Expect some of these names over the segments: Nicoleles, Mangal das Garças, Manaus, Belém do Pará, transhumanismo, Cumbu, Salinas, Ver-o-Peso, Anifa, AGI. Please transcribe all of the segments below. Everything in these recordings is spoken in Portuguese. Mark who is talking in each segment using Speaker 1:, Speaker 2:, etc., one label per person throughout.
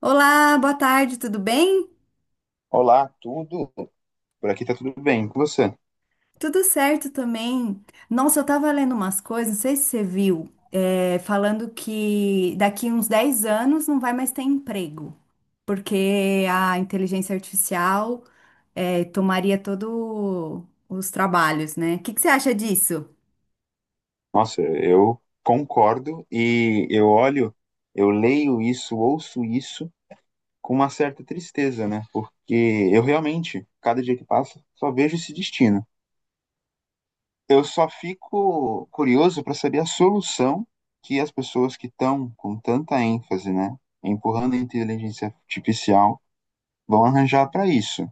Speaker 1: Olá, boa tarde, tudo bem?
Speaker 2: Olá, tudo? Por aqui tá tudo bem com você?
Speaker 1: Tudo certo também. Nossa, eu tava lendo umas coisas, não sei se você viu, falando que daqui uns 10 anos não vai mais ter emprego, porque a inteligência artificial, tomaria todos os trabalhos, né? O que que você acha disso?
Speaker 2: Nossa, eu concordo e eu leio isso, ouço isso com uma certa tristeza, né? Porque eu realmente, cada dia que passa, só vejo esse destino. Eu só fico curioso para saber a solução que as pessoas que estão com tanta ênfase, né, empurrando a inteligência artificial vão arranjar para isso.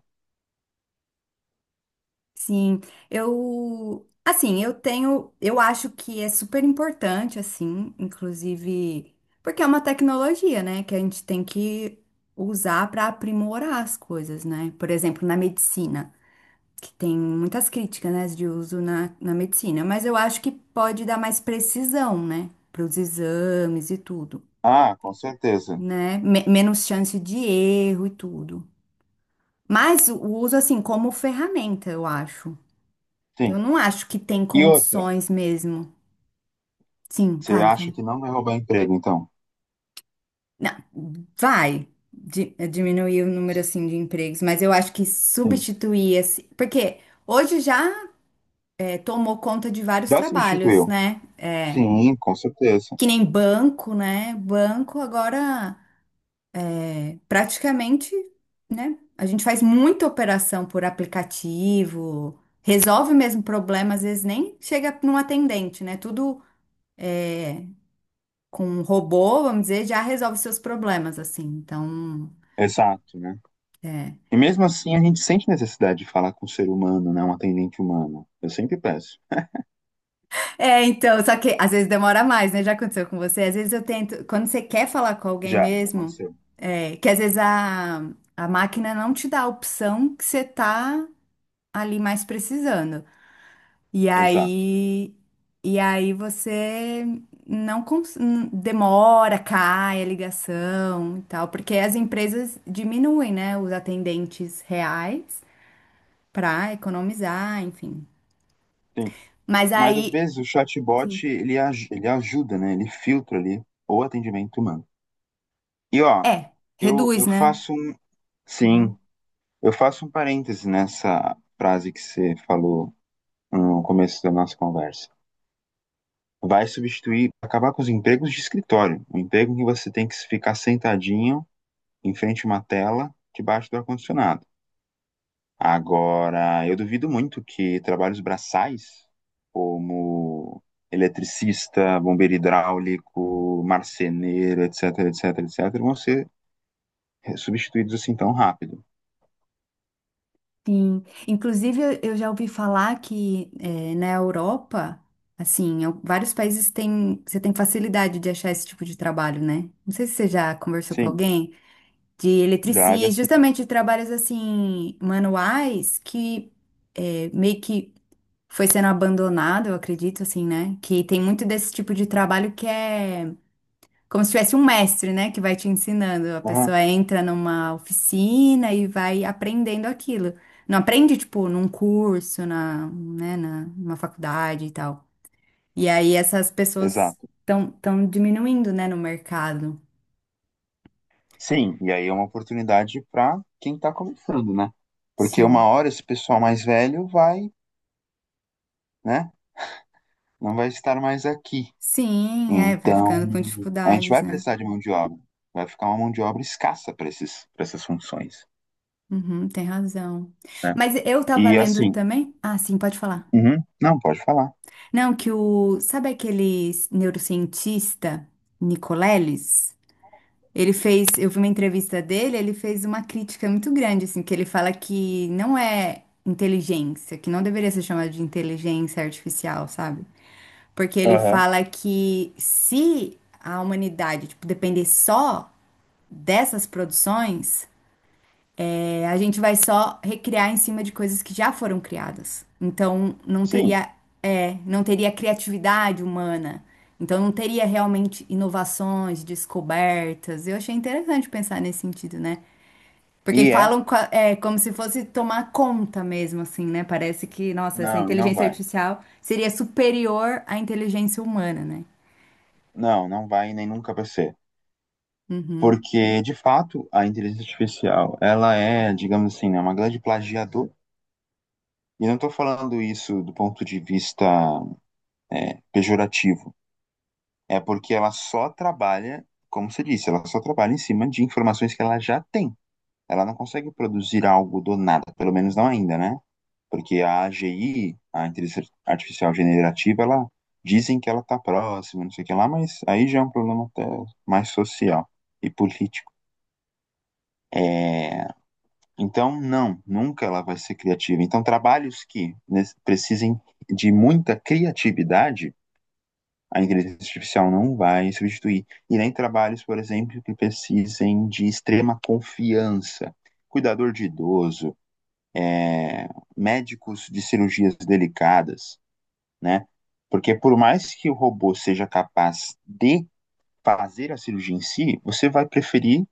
Speaker 1: Sim, eu, assim, eu acho que é super importante, assim, inclusive, porque é uma tecnologia, né, que a gente tem que usar para aprimorar as coisas, né? Por exemplo, na medicina, que tem muitas críticas, né, de uso na medicina, mas eu acho que pode dar mais precisão, né, para os exames e tudo,
Speaker 2: Ah, com certeza.
Speaker 1: né? Menos chance de erro e tudo. Mas o uso, assim, como ferramenta, eu acho.
Speaker 2: Sim.
Speaker 1: Eu não acho que tem
Speaker 2: E outra,
Speaker 1: condições mesmo. Sim,
Speaker 2: você
Speaker 1: fale,
Speaker 2: acha
Speaker 1: fale.
Speaker 2: que não vai roubar emprego, então?
Speaker 1: Não, vai diminuir o número assim de empregos, mas eu acho que substituir esse, porque hoje já é, tomou conta de vários
Speaker 2: Já
Speaker 1: trabalhos,
Speaker 2: substituiu.
Speaker 1: né? É,
Speaker 2: Sim, com certeza.
Speaker 1: que nem banco, né? Banco agora é, praticamente, né? A gente faz muita operação por aplicativo, resolve mesmo problema, às vezes nem chega num atendente, né? Tudo é, com um robô, vamos dizer, já resolve seus problemas, assim. Então,
Speaker 2: Exato, né?
Speaker 1: é.
Speaker 2: E mesmo assim a gente sente necessidade de falar com um ser humano, né? Um atendente humano. Eu sempre peço.
Speaker 1: É, então, só que às vezes demora mais, né? Já aconteceu com você. Às vezes eu tento, quando você quer falar com alguém
Speaker 2: Já, já
Speaker 1: mesmo,
Speaker 2: aconteceu.
Speaker 1: é, que às vezes a máquina não te dá a opção que você tá ali mais precisando. E
Speaker 2: Exato.
Speaker 1: aí, e aí você não cons- n- demora, cai a ligação e tal, porque as empresas diminuem, né, os atendentes reais, pra economizar, enfim.
Speaker 2: Sim.
Speaker 1: Mas
Speaker 2: Mas às
Speaker 1: aí,
Speaker 2: vezes o
Speaker 1: sim,
Speaker 2: chatbot, ele, ele ajuda, né? Ele filtra ali o atendimento humano. E ó,
Speaker 1: é,
Speaker 2: eu,
Speaker 1: reduz,
Speaker 2: eu
Speaker 1: né?
Speaker 2: faço um. Sim,
Speaker 1: Uhum.
Speaker 2: eu faço um parêntese nessa frase que você falou no começo da nossa conversa. Vai substituir, acabar com os empregos de escritório. O emprego em que você tem que ficar sentadinho em frente a uma tela debaixo do ar-condicionado. Agora, eu duvido muito que trabalhos braçais, como eletricista, bombeiro hidráulico, marceneiro, etc, etc, etc, vão ser substituídos assim tão rápido.
Speaker 1: Sim. Inclusive, eu já ouvi falar que é, na Europa, assim, vários países têm, você tem facilidade de achar esse tipo de trabalho, né? Não sei se você já conversou com
Speaker 2: Sim,
Speaker 1: alguém de
Speaker 2: já age
Speaker 1: eletricista,
Speaker 2: assim.
Speaker 1: justamente de trabalhos assim manuais que é, meio que foi sendo abandonado, eu acredito, assim, né? Que tem muito desse tipo de trabalho que é como se tivesse um mestre, né, que vai te ensinando. A
Speaker 2: Aham,
Speaker 1: pessoa entra numa oficina e vai aprendendo aquilo. Não aprende, tipo, num curso, numa faculdade e tal. E aí essas pessoas
Speaker 2: exato.
Speaker 1: estão diminuindo, né, no mercado.
Speaker 2: Sim, e aí é uma oportunidade para quem está começando, né? Porque uma
Speaker 1: Sim.
Speaker 2: hora esse pessoal mais velho vai, né? Não vai estar mais aqui.
Speaker 1: Sim, é, vai
Speaker 2: Então,
Speaker 1: ficando com
Speaker 2: a gente
Speaker 1: dificuldades,
Speaker 2: vai
Speaker 1: né?
Speaker 2: precisar de mão de obra. Vai ficar uma mão de obra escassa para esses, para essas funções,
Speaker 1: Uhum, tem razão.
Speaker 2: né?
Speaker 1: Mas eu tava
Speaker 2: E
Speaker 1: lendo
Speaker 2: assim,
Speaker 1: também. Ah, sim, pode falar.
Speaker 2: uhum, não, pode falar.
Speaker 1: Não, que o. Sabe aquele neurocientista, Nicoleles? Ele fez, eu vi uma entrevista dele, ele fez uma crítica muito grande, assim, que ele fala que não é inteligência, que não deveria ser chamado de inteligência artificial, sabe? Porque ele
Speaker 2: Aham.
Speaker 1: fala que se a humanidade, tipo, depender só dessas produções, a gente vai só recriar em cima de coisas que já foram criadas. Então não
Speaker 2: Sim.
Speaker 1: teria, não teria criatividade humana. Então não teria realmente inovações, descobertas. Eu achei interessante pensar nesse sentido, né? Porque
Speaker 2: E é?
Speaker 1: como se fosse tomar conta mesmo, assim, né? Parece que, nossa, essa
Speaker 2: Não, e não
Speaker 1: inteligência
Speaker 2: vai.
Speaker 1: artificial seria superior à inteligência humana, né?
Speaker 2: Não, não vai e nem nunca vai ser. Porque, de fato, a inteligência artificial, ela é, digamos assim, né, uma grande plagiadora. E não estou falando isso do ponto de vista pejorativo. É porque ela só trabalha, como você disse, ela só trabalha em cima de informações que ela já tem. Ela não consegue produzir algo do nada, pelo menos não ainda, né? Porque a AGI, a inteligência artificial generativa, ela dizem que ela está próxima, não sei o que lá, mas aí já é um problema até mais social e político. É, então, não, nunca ela vai ser criativa. Então, trabalhos que precisem de muita criatividade, a inteligência artificial não vai substituir. E nem trabalhos, por exemplo, que precisem de extrema confiança. Cuidador de idoso, é, médicos de cirurgias delicadas, né? Porque por mais que o robô seja capaz de fazer a cirurgia em si, você vai preferir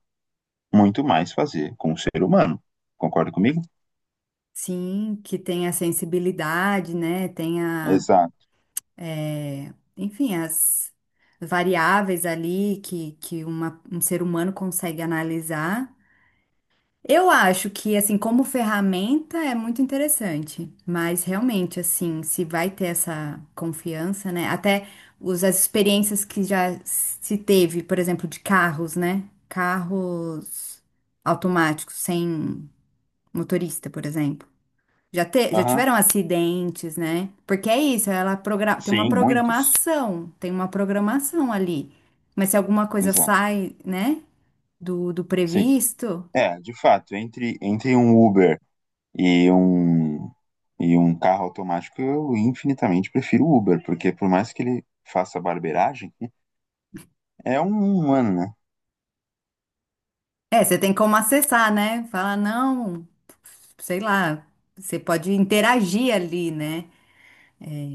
Speaker 2: muito mais fazer com o ser humano. Concorda comigo?
Speaker 1: Sim, que tem a sensibilidade, né? Tem a,
Speaker 2: Exato.
Speaker 1: enfim, as variáveis ali que, um ser humano consegue analisar. Eu acho que, assim, como ferramenta é muito interessante, mas realmente, assim, se vai ter essa confiança, né? As experiências que já se teve, por exemplo, de carros, né? Carros automáticos, sem motorista, por exemplo. Já
Speaker 2: Aham.
Speaker 1: tiveram acidentes, né? Porque é isso,
Speaker 2: Sim, muitos.
Speaker 1: tem uma programação ali. Mas se alguma coisa
Speaker 2: Exato.
Speaker 1: sai, né, do
Speaker 2: Sim.
Speaker 1: previsto,
Speaker 2: É, de fato, entre um Uber e um, e um carro automático, eu infinitamente prefiro o Uber, porque por mais que ele faça barbeiragem, é um humano, né?
Speaker 1: é, você tem como acessar, né? Falar, não, sei lá, você pode interagir ali, né?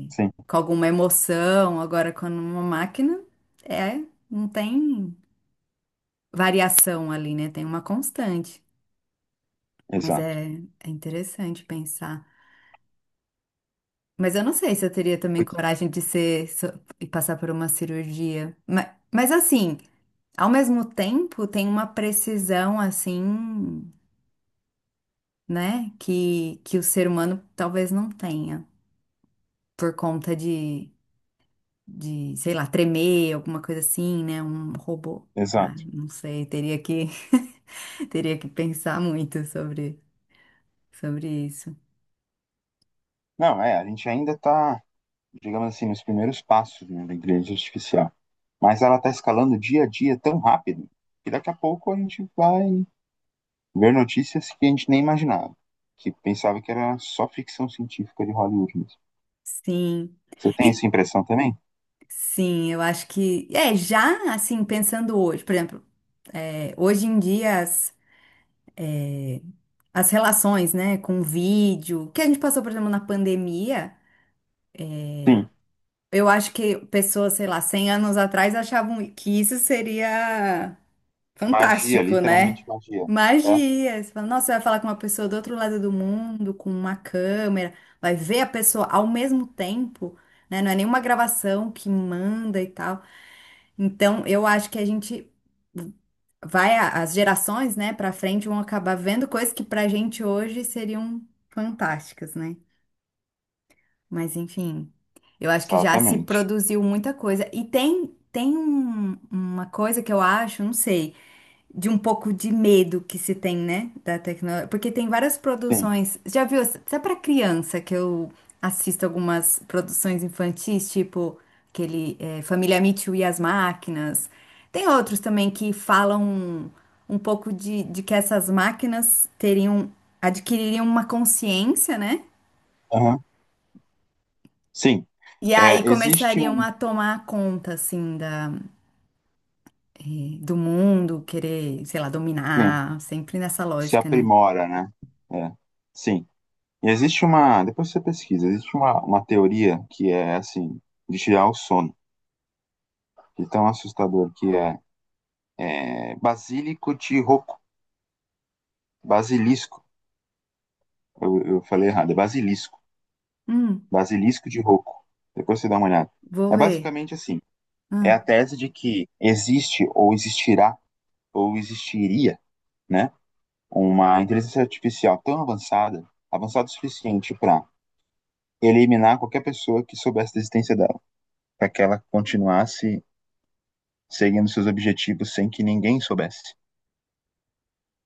Speaker 2: Sim,
Speaker 1: Com alguma emoção. Agora, quando uma máquina, é, não tem variação ali, né? Tem uma constante. Mas
Speaker 2: exato.
Speaker 1: é, é interessante pensar. Mas eu não sei se eu teria também coragem de ser e passar por uma cirurgia. Mas assim, ao mesmo tempo, tem uma precisão assim, né, que o ser humano talvez não tenha por conta de, sei lá, tremer, alguma coisa assim, né, um robô. Ah,
Speaker 2: Exato.
Speaker 1: não sei, teria que teria que pensar muito sobre, sobre isso.
Speaker 2: Não, é, a gente ainda está, digamos assim, nos primeiros passos, né, da inteligência artificial. Mas ela está escalando dia a dia tão rápido que daqui a pouco a gente vai ver notícias que a gente nem imaginava, que pensava que era só ficção científica de Hollywood mesmo.
Speaker 1: Sim.
Speaker 2: Você tem essa
Speaker 1: E
Speaker 2: impressão também?
Speaker 1: sim, eu acho que. É, já assim, pensando hoje, por exemplo. É, hoje em dia, eh, as relações, né, com vídeo, que a gente passou, por exemplo, na pandemia,
Speaker 2: Sim.
Speaker 1: eu acho que pessoas, sei lá, 100 anos atrás achavam que isso seria
Speaker 2: Magia,
Speaker 1: fantástico,
Speaker 2: literalmente
Speaker 1: né?
Speaker 2: magia. É,
Speaker 1: Magia. Você fala, nossa, você vai falar com uma pessoa do outro lado do mundo, com uma câmera, vai ver a pessoa ao mesmo tempo, né? Não é nenhuma gravação que manda e tal. Então, eu acho que a gente vai, as gerações, né, para frente vão acabar vendo coisas que pra gente hoje seriam fantásticas, né? Mas enfim, eu acho que já se
Speaker 2: exatamente.
Speaker 1: produziu muita coisa. E tem uma coisa que eu acho, não sei de um pouco de medo que se tem, né, da tecnologia, porque tem várias
Speaker 2: Sim.
Speaker 1: produções. Já viu, até para criança que eu assisto algumas produções infantis, tipo aquele Família Mitchell e as Máquinas. Tem outros também que falam um pouco de que essas máquinas teriam adquiririam uma consciência, né?
Speaker 2: Aham. Sim.
Speaker 1: E aí
Speaker 2: É, existe
Speaker 1: começariam
Speaker 2: um.
Speaker 1: a tomar conta, assim, da, do mundo, querer, sei lá,
Speaker 2: Sim.
Speaker 1: dominar, sempre nessa
Speaker 2: Se
Speaker 1: lógica, né?
Speaker 2: aprimora, né? É. Sim. E existe uma, depois você pesquisa, existe uma teoria que é assim, de tirar o sono, de tão assustador que é, é basílico de roco, basilisco, eu falei errado, é basilisco,
Speaker 1: Hum.
Speaker 2: basilisco de roco, depois você dá uma olhada.
Speaker 1: Vou
Speaker 2: É
Speaker 1: ver.
Speaker 2: basicamente assim, é a
Speaker 1: Ah,
Speaker 2: tese de que existe ou existirá ou existiria, né, uma inteligência artificial tão avançada, avançada o suficiente para eliminar qualquer pessoa que soubesse da existência dela, para que ela continuasse seguindo seus objetivos sem que ninguém soubesse.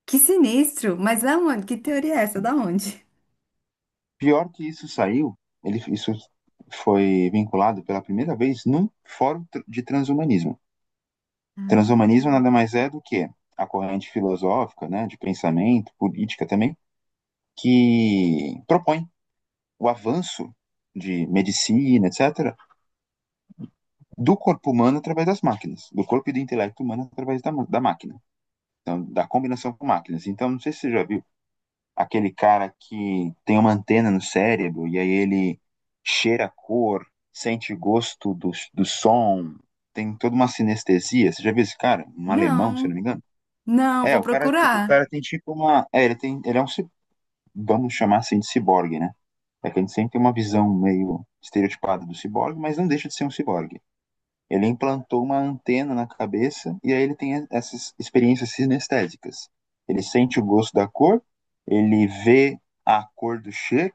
Speaker 1: que sinistro! Mas aonde? Que teoria é essa? Da onde?
Speaker 2: Pior que isso saiu, ele, isso foi vinculado pela primeira vez num fórum de transhumanismo. Transhumanismo
Speaker 1: Ah,
Speaker 2: nada mais é do que a corrente filosófica, né, de pensamento, política também, que propõe o avanço de medicina, etc., do corpo humano através das máquinas, do corpo e do intelecto humano através da máquina, então, da combinação com máquinas. Então, não sei se você já viu aquele cara que tem uma antena no cérebro e aí ele cheira a cor, sente gosto do som, tem toda uma sinestesia. Você já viu esse cara? Um alemão, se eu não
Speaker 1: não,
Speaker 2: me engano?
Speaker 1: não,
Speaker 2: É,
Speaker 1: vou
Speaker 2: o cara, te- o
Speaker 1: procurar.
Speaker 2: cara tem tipo uma. É, ele tem. Ele é um. Ci- Vamos chamar assim de ciborgue, né? É que a gente sempre tem uma visão meio estereotipada do ciborgue, mas não deixa de ser um ciborgue. Ele implantou uma antena na cabeça e aí ele tem essas experiências sinestésicas. Ele sente o gosto da cor, ele vê a cor do cheiro,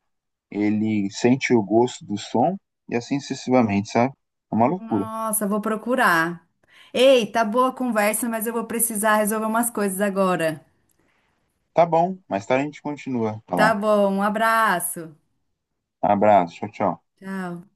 Speaker 2: ele sente o gosto do som e assim sucessivamente, sabe? É uma loucura.
Speaker 1: Nossa, vou procurar. Ei, tá boa a conversa, mas eu vou precisar resolver umas coisas agora.
Speaker 2: Tá bom, mais tarde a gente continua a
Speaker 1: Tá
Speaker 2: falar.
Speaker 1: bom, um abraço.
Speaker 2: Abraço, tchau, tchau.
Speaker 1: Tchau.